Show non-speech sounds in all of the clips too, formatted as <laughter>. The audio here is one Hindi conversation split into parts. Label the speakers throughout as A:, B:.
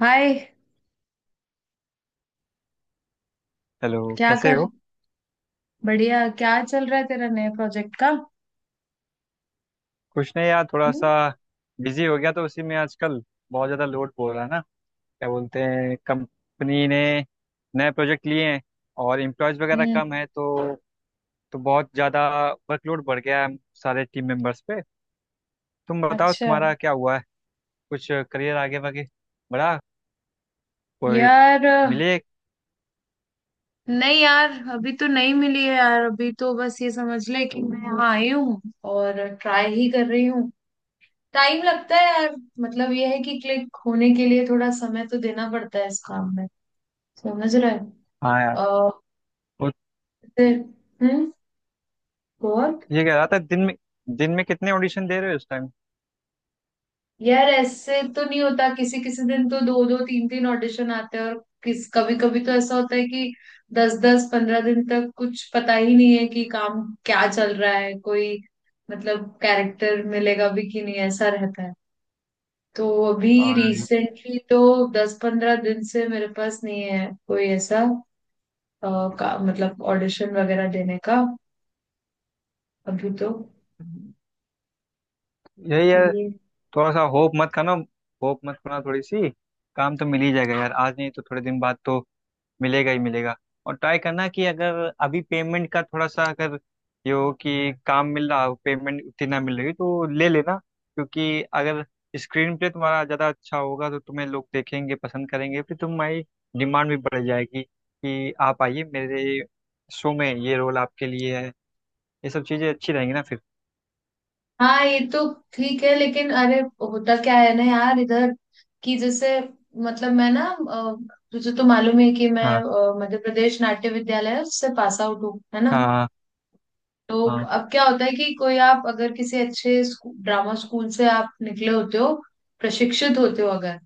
A: हाय।
B: हेलो।
A: क्या
B: कैसे
A: कर?
B: हो?
A: बढ़िया, क्या चल रहा है तेरा नए प्रोजेक्ट का?
B: कुछ नहीं यार, थोड़ा
A: हम्म।
B: सा बिजी हो गया तो उसी में आजकल। बहुत ज़्यादा लोड पड़ रहा है ना। क्या बोलते हैं, कंपनी ने नए प्रोजेक्ट लिए हैं और एम्प्लॉयज़ वगैरह
A: हम्म।
B: कम है तो बहुत ज़्यादा वर्कलोड बढ़ गया है सारे टीम मेंबर्स पे। तुम बताओ
A: अच्छा।
B: तुम्हारा क्या हुआ है? कुछ करियर आगे वागे बढ़ा? कोई
A: यार
B: मिले?
A: नहीं यार, अभी तो नहीं मिली है यार। अभी तो बस ये समझ ले कि मैं यहाँ आई हूँ और ट्राई ही कर रही हूँ। टाइम लगता है यार। मतलब ये है कि क्लिक होने के लिए थोड़ा समय तो देना पड़ता है इस काम में। समझ रहा है?
B: हाँ यार।
A: अ,
B: वो
A: फिर- हम्म। और
B: ये कह रहा था, दिन में कितने ऑडिशन दे रहे हो इस टाइम?
A: यार, ऐसे तो नहीं होता। किसी किसी दिन तो दो दो तीन तीन ऑडिशन आते हैं और किस कभी कभी तो ऐसा होता है कि दस दस पंद्रह दिन तक कुछ पता ही नहीं है कि काम क्या चल रहा है, कोई मतलब कैरेक्टर मिलेगा भी कि नहीं, ऐसा रहता है। तो अभी
B: और
A: रिसेंटली तो दस पंद्रह दिन से मेरे पास नहीं है कोई ऐसा अ, मतलब ऑडिशन वगैरह देने का। अभी तो
B: यही है, थोड़ा सा होप मत खाना। होप मत खाना थोड़ी सी। काम तो मिल ही जाएगा यार, आज नहीं तो थोड़े दिन बाद तो मिलेगा ही मिलेगा। और ट्राई करना कि अगर अभी पेमेंट का थोड़ा सा, अगर ये हो कि काम मिल रहा हो पेमेंट उतनी ना मिल रही तो ले लेना। क्योंकि अगर स्क्रीन पे तुम्हारा ज़्यादा अच्छा होगा तो तुम्हें लोग देखेंगे, पसंद करेंगे, फिर तुम्हारी डिमांड भी बढ़ जाएगी कि आप आइए मेरे शो में, ये रोल आपके लिए है। ये सब चीज़ें अच्छी रहेंगी ना फिर।
A: हाँ, ये तो ठीक है। लेकिन अरे होता क्या है ना यार इधर, कि जैसे मतलब मैं ना अ, तुझे तो मालूम है कि मैं
B: हाँ,
A: मध्य प्रदेश नाट्य विद्यालय से पास आउट हूँ, है ना?
B: हाँ,
A: तो
B: हाँ,
A: अब क्या होता है कि कोई आप अगर किसी अच्छे ड्रामा स्कूल से आप निकले होते हो, प्रशिक्षित होते हो अगर,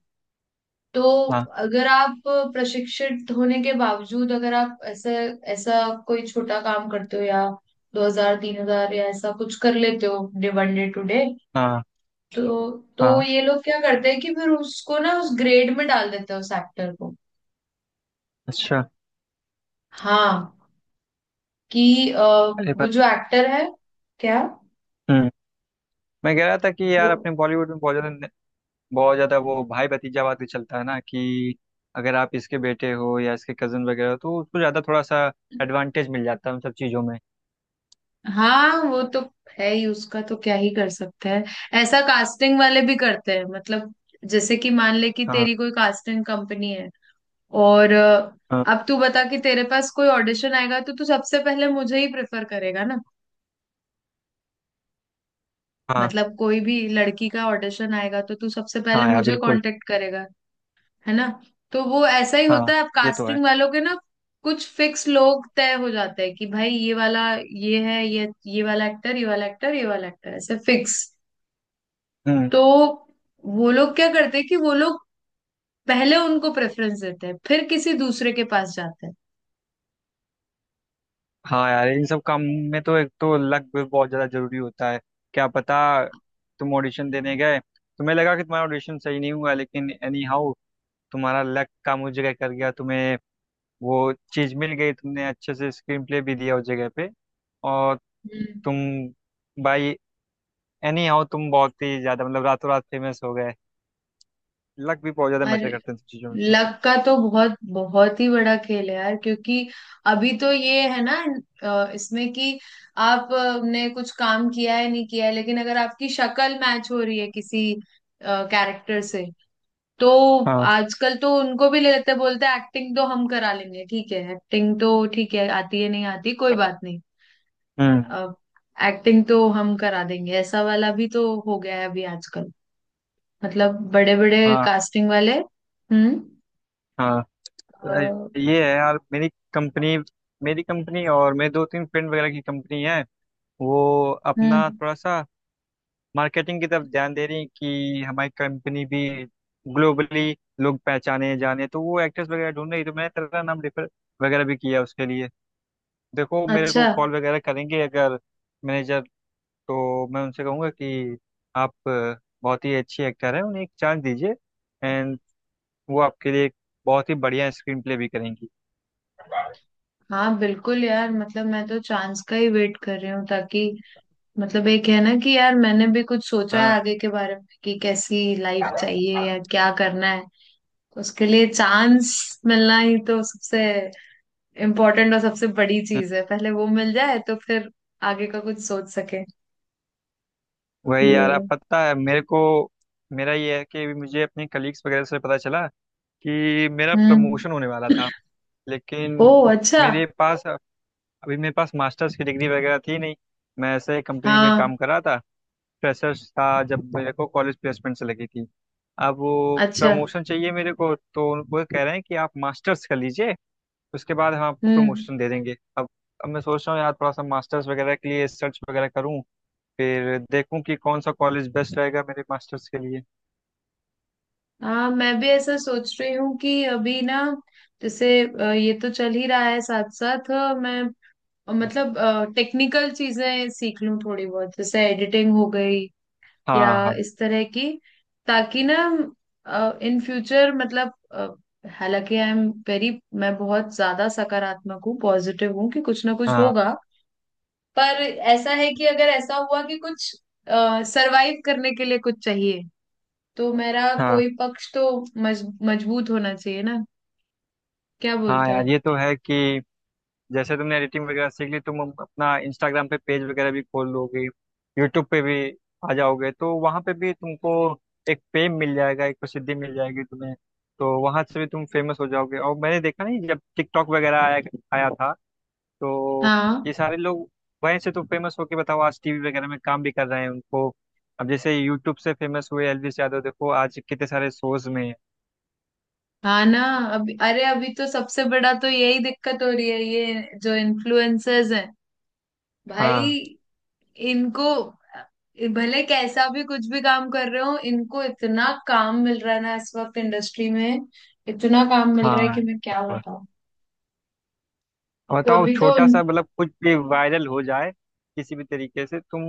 A: तो
B: हाँ,
A: अगर आप प्रशिक्षित होने के बावजूद अगर आप ऐसे ऐसा कोई छोटा काम करते हो या दो हजार तीन हजार या ऐसा कुछ कर लेते हो day one day two day,
B: हाँ,
A: तो तो
B: हाँ।
A: ये लोग क्या करते हैं कि फिर उसको ना उस ग्रेड में डाल देते हैं उस एक्टर को।
B: अच्छा।
A: हाँ, कि
B: अरे
A: वो
B: बात।
A: जो एक्टर है, क्या
B: हम्म। मैं कह रहा था कि
A: वो।
B: यार अपने बॉलीवुड में बहुत ज्यादा वो भाई भतीजावाद भी चलता है ना कि अगर आप इसके बेटे हो या इसके कजन वगैरह हो तो उसको ज्यादा थोड़ा सा एडवांटेज मिल जाता है उन सब चीजों में।
A: हाँ, वो तो है ही, उसका तो क्या ही कर सकता है। ऐसा कास्टिंग वाले भी करते हैं मतलब। जैसे कि मान ले कि
B: हाँ,
A: तेरी कोई कास्टिंग कंपनी है और
B: हाँ,
A: अब तू बता कि तेरे पास कोई ऑडिशन आएगा तो तू सबसे पहले मुझे ही प्रेफर करेगा ना?
B: हाँ,
A: मतलब कोई भी लड़की का ऑडिशन आएगा तो तू सबसे पहले
B: हाँ यार
A: मुझे
B: बिल्कुल।
A: कांटेक्ट करेगा, है ना? तो वो ऐसा ही
B: हाँ
A: होता है अब
B: ये तो है।
A: कास्टिंग वालों के ना। कुछ फिक्स लोग तय हो जाते हैं कि भाई ये वाला, ये है, ये वाला एक्टर ये वाला एक्टर ये वाला एक्टर, ऐसे फिक्स।
B: हम्म।
A: तो वो लोग क्या करते हैं कि वो लोग पहले उनको प्रेफरेंस देते हैं फिर किसी दूसरे के पास जाते हैं।
B: हाँ यार, इन सब काम में तो एक तो लक भी बहुत ज्यादा जरूरी होता है। क्या पता, तुम ऑडिशन देने गए, तुम्हें लगा कि तुम्हारा ऑडिशन सही नहीं हुआ लेकिन एनी हाउ तुम्हारा लक काम उस जगह कर गया, तुम्हें वो चीज मिल गई, तुमने अच्छे से स्क्रीन प्ले भी दिया उस जगह पे। और
A: हम्म।
B: तुम बाई एनी हाउ तुम बहुत ही ज्यादा मतलब रातों रात फेमस हो गए। लक भी बहुत ज्यादा
A: और
B: मैटर करते हैं इन सब चीजों में तो।
A: लक का तो बहुत बहुत ही बड़ा खेल है यार, क्योंकि अभी तो ये है ना इसमें कि आपने कुछ काम किया है नहीं किया है लेकिन अगर आपकी शक्ल मैच हो रही है किसी कैरेक्टर से तो
B: हाँ।
A: आजकल तो उनको भी ले लेते हैं, बोलते हैं एक्टिंग तो हम करा लेंगे, ठीक है, एक्टिंग तो ठीक है, आती है नहीं आती कोई बात नहीं।
B: हम्म।
A: अब एक्टिंग तो हम करा देंगे, ऐसा वाला भी तो हो गया है अभी आजकल। मतलब बड़े बड़े
B: हाँ,
A: कास्टिंग वाले। हम्म।
B: हाँ। अ,
A: अ,
B: ये है यार मेरी कंपनी। मेरी कंपनी और मेरे दो तीन फ्रेंड वगैरह की कंपनी है। वो अपना
A: हम्म।
B: थोड़ा सा मार्केटिंग की तरफ ध्यान दे रही है कि हमारी कंपनी भी ग्लोबली लोग पहचाने जाने, तो वो एक्टर्स वगैरह ढूंढ रही, तो मैंने तेरा नाम रेफर वगैरह भी किया उसके लिए। देखो, मेरे
A: अच्छा।
B: को कॉल वगैरह करेंगे अगर मैनेजर, तो मैं उनसे कहूँगा कि आप बहुत ही अच्छी एक्टर हैं, उन्हें एक चांस दीजिए। एंड वो आपके लिए एक बहुत ही बढ़िया स्क्रीन प्ले भी करेंगी।
A: हाँ बिल्कुल यार। मतलब मैं तो चांस का ही वेट कर रही हूँ ताकि मतलब एक है ना कि यार मैंने भी कुछ सोचा है
B: हाँ।
A: आगे के बारे में कि कैसी लाइफ चाहिए या क्या करना है। तो उसके लिए चांस मिलना ही तो सबसे इम्पोर्टेंट और सबसे बड़ी
B: हम्म।
A: चीज है। पहले वो मिल जाए तो फिर आगे का कुछ सोच सके।
B: वही यार, आप
A: ये
B: पता है मेरे को, मेरा ये है कि मुझे अपने कलीग्स वगैरह से पता चला कि मेरा
A: हम्म।
B: प्रमोशन होने वाला था। लेकिन
A: ओ, अच्छा।
B: मेरे पास अभी मेरे पास मास्टर्स की डिग्री वगैरह थी नहीं। मैं ऐसे कंपनी में
A: हाँ।
B: काम कर रहा था, फ्रेशर्स था जब मेरे को कॉलेज प्लेसमेंट से लगी थी। अब वो
A: अच्छा।
B: प्रमोशन चाहिए मेरे को, तो वो कह रहे हैं कि आप मास्टर्स कर लीजिए, उसके बाद हम आपको
A: हम्म।
B: प्रमोशन दे देंगे। अब मैं सोच रहा हूँ यार, थोड़ा सा मास्टर्स वगैरह के लिए सर्च वगैरह करूँ, फिर देखूँ कि कौन सा कॉलेज बेस्ट रहेगा मेरे मास्टर्स के लिए।
A: हाँ, मैं भी ऐसा सोच रही हूँ कि अभी ना जैसे ये तो चल ही रहा है साथ साथ, मैं
B: हाँ,
A: मतलब टेक्निकल चीजें सीख लूँ थोड़ी बहुत, जैसे एडिटिंग हो गई या
B: हाँ,
A: इस तरह की, ताकि ना इन फ्यूचर मतलब हालांकि आई एम वेरी, मैं बहुत ज्यादा सकारात्मक हूँ, पॉजिटिव हूँ कि कुछ ना कुछ
B: हाँ,
A: होगा,
B: हाँ,
A: पर ऐसा है कि अगर ऐसा हुआ कि कुछ सरवाइव करने के लिए कुछ चाहिए, तो मेरा
B: हाँ।
A: कोई पक्ष तो मजबूत होना चाहिए ना, क्या
B: हाँ
A: बोलता
B: यार
A: है?
B: ये तो है कि जैसे तुमने एडिटिंग वगैरह सीख ली, तुम अपना इंस्टाग्राम पे पेज वगैरह भी खोल लोगे, यूट्यूब पे भी आ जाओगे तो वहां पे भी तुमको एक फेम मिल जाएगा, एक प्रसिद्धि मिल जाएगी तुम्हें। तो वहां से भी तुम फेमस हो जाओगे। और मैंने देखा नहीं, जब टिकटॉक वगैरह आया आया था, तो
A: हाँ।
B: ये सारे लोग वहीं से तो फेमस होके, बताओ, आज टीवी वगैरह में काम भी कर रहे हैं उनको। अब जैसे यूट्यूब से फेमस हुए एलवीस यादव, देखो आज कितने सारे शोज में है।
A: हाँ ना। अभी अरे अभी तो सबसे बड़ा तो यही दिक्कत हो रही है, ये जो इन्फ्लुएंसर्स हैं भाई,
B: हाँ,
A: इनको भले कैसा भी कुछ भी काम कर रहे हो, इनको इतना काम मिल रहा है ना इस वक्त इंडस्ट्री में, इतना काम मिल रहा है कि
B: हाँ।
A: मैं क्या बताऊं। तो
B: बताओ,
A: अभी तो
B: छोटा सा, मतलब कुछ भी वायरल हो जाए किसी भी तरीके से, तुम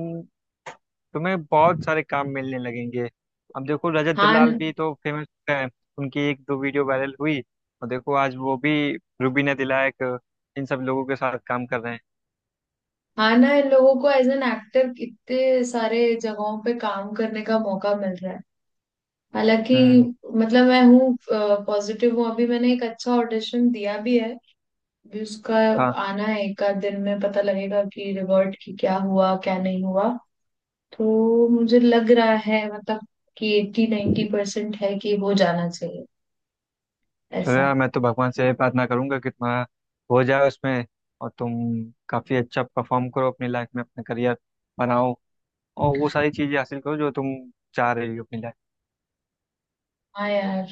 B: तुम्हें बहुत सारे काम मिलने लगेंगे। अब देखो, रजत
A: हाँ।
B: दलाल भी तो फेमस हैं। उनकी एक दो वीडियो वायरल हुई और देखो आज वो भी रुबीना दिलायक, इन सब लोगों के साथ काम कर रहे हैं।
A: हाँ ना, इन लोगों को एज एन एक्टर कितने सारे जगहों पे काम करने का मौका मिल रहा है। हालांकि
B: हम्म।
A: मतलब मैं हूँ पॉजिटिव हूँ, अभी मैंने एक अच्छा ऑडिशन दिया भी है, अभी उसका
B: हाँ।
A: आना है एक आध दिन में, पता लगेगा कि रिवर्ट की क्या हुआ क्या नहीं हुआ। तो मुझे लग रहा है मतलब कि एट्टी 90% परसेंट है कि हो जाना चाहिए
B: चलो
A: ऐसा।
B: यार, मैं तो भगवान से यही प्रार्थना करूंगा कि तुम्हारा हो जाए उसमें और तुम काफी अच्छा परफॉर्म करो अपनी लाइफ में, अपना करियर बनाओ और वो सारी चीजें हासिल करो जो तुम चाह रही हो अपनी लाइफ।
A: हाँ यार,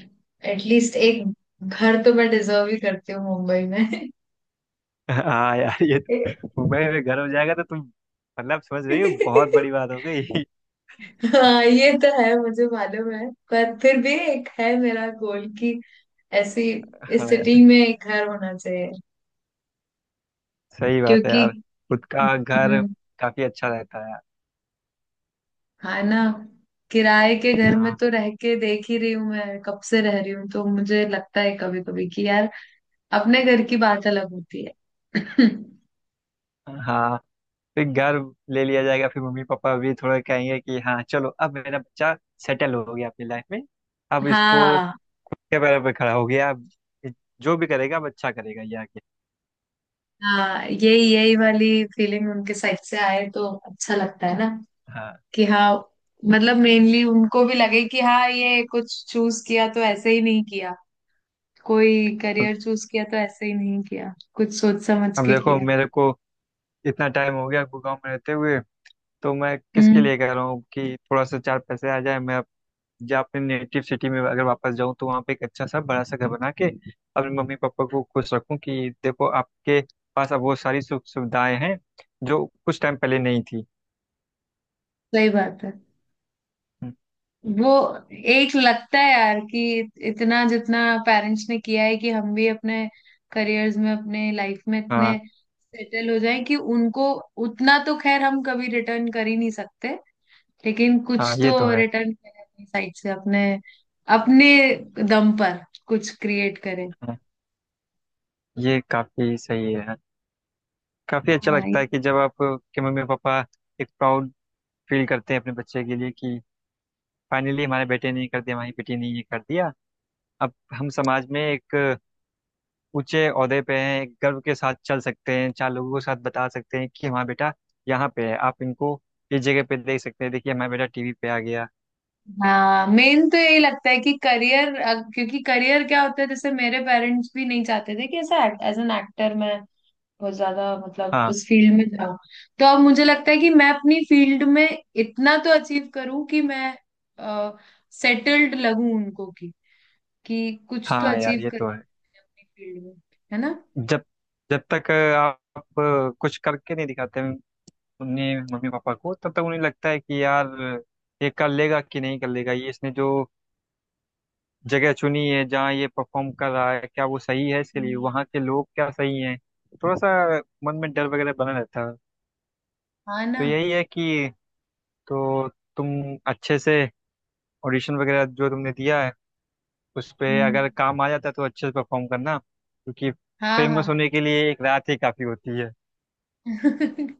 A: एटलीस्ट एक घर तो मैं डिजर्व ही करती हूँ मुंबई
B: हाँ यार, ये
A: में।
B: मुंबई में घर हो जाएगा तो तुम, मतलब समझ रही हो, बहुत बड़ी
A: <laughs>
B: बात हो गई।
A: हाँ, ये तो है, मुझे मालूम है, पर फिर भी एक है मेरा गोल कि ऐसी इस
B: हाँ यार,
A: सिटी में एक घर होना चाहिए
B: सही बात है
A: क्योंकि
B: यार, खुद का घर
A: हम्म।
B: काफी अच्छा रहता है यार।
A: हाँ ना, किराए के घर में
B: हाँ,
A: तो रह के देख ही रही हूँ मैं, कब से रह रही हूँ, तो मुझे लगता है कभी कभी कि यार अपने घर की बात अलग होती है। <clears throat>
B: हाँ। फिर घर ले लिया जाएगा, फिर मम्मी पापा भी थोड़ा कहेंगे कि हाँ चलो, अब मेरा बच्चा सेटल हो गया अपनी लाइफ में। अब
A: <laughs>
B: इसको
A: हाँ।
B: के पैरों पे खड़ा हो गया, अब जो भी करेगा अब अच्छा करेगा ये आगे।
A: हाँ, यही यही वाली फीलिंग उनके साइड से आए तो अच्छा लगता है ना,
B: हाँ।
A: कि हाँ मतलब मेनली उनको भी लगे कि हाँ, ये कुछ चूज किया तो ऐसे ही नहीं किया, कोई
B: अब
A: करियर चूज किया तो ऐसे ही नहीं किया, कुछ सोच समझ
B: अब
A: के
B: देखो,
A: किया।
B: मेरे को इतना टाइम हो गया गाँव में रहते हुए, तो मैं किसके
A: हम्म।
B: लिए कह रहा हूँ कि थोड़ा सा चार पैसे आ जाए, मैं या अपने नेटिव सिटी में अगर वापस जाऊं तो वहां पे एक अच्छा सा बड़ा सा घर बना के अपने मम्मी पापा को खुश रखूं कि देखो, आपके पास अब वो सारी सुख सुविधाएं हैं जो कुछ टाइम पहले नहीं थी।
A: सही बात है। वो एक लगता है यार कि इतना जितना पेरेंट्स ने किया है कि हम भी अपने करियर्स में अपने लाइफ में इतने
B: हाँ,
A: सेटल हो जाएं कि उनको, उतना तो खैर हम कभी रिटर्न कर ही नहीं सकते लेकिन
B: हाँ
A: कुछ
B: ये
A: तो
B: तो है।
A: रिटर्न करें अपनी साइड से अपने अपने दम पर कुछ क्रिएट करें।
B: हाँ, ये काफी सही है, हाँ। काफी अच्छा
A: हाँ
B: लगता
A: ये-
B: है कि जब आप के मम्मी पापा एक प्राउड फील करते हैं अपने बच्चे के लिए कि फाइनली हमारे बेटे ने ये कर दिया, हमारी बेटी ने ये कर दिया, अब हम समाज में एक ऊंचे ओहदे पे हैं, एक गर्व के साथ चल सकते हैं, चार लोगों के साथ बता सकते हैं कि हाँ, बेटा यहाँ पे है, आप इनको इस जगह पे देख सकते हैं, देखिए हमारा बेटा टीवी पे आ गया।
A: हाँ, मेन तो यही लगता है कि करियर, क्योंकि करियर क्या होता है, जैसे मेरे पेरेंट्स भी नहीं चाहते थे कि ऐसा एज एन एक्टर मैं बहुत ज्यादा मतलब
B: हाँ,
A: उस फील्ड में जाऊं। तो अब मुझे लगता है कि मैं अपनी फील्ड में इतना तो अचीव करूं कि मैं सेटल्ड लगूं उनको, की कि कुछ तो
B: हाँ यार
A: अचीव
B: ये तो
A: करूं
B: है।
A: अपनी फील्ड में, है ना?
B: जब जब तक आप कुछ करके नहीं दिखाते उन्हें, मम्मी पापा को, तब तक उन्हें लगता है कि यार ये कर लेगा कि नहीं कर लेगा, ये इसने जो जगह चुनी है जहाँ ये परफॉर्म कर रहा है क्या वो सही है इसके लिए,
A: हम्म।
B: वहाँ के लोग क्या सही हैं, थोड़ा सा मन में डर वगैरह बना रहता है।
A: हाँ ना।
B: तो यही है कि, तो तुम अच्छे से ऑडिशन वगैरह जो तुमने दिया है उस पे
A: हम्म।
B: अगर काम आ जाता है तो अच्छे से परफॉर्म करना, क्योंकि
A: हाँ। हाँ।
B: फेमस होने के लिए एक रात ही काफ़ी होती है।
A: <laughs>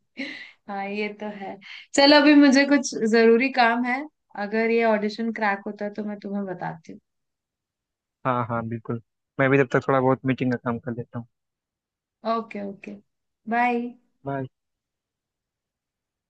A: हाँ, ये तो है। चलो, अभी मुझे कुछ जरूरी काम है। अगर ये ऑडिशन क्रैक होता है तो मैं तुम्हें बताती
B: हाँ, हाँ बिल्कुल। मैं भी तब तक थोड़ा बहुत मीटिंग का काम कर लेता हूँ।
A: हूँ। Okay okay. बाय।
B: बाय।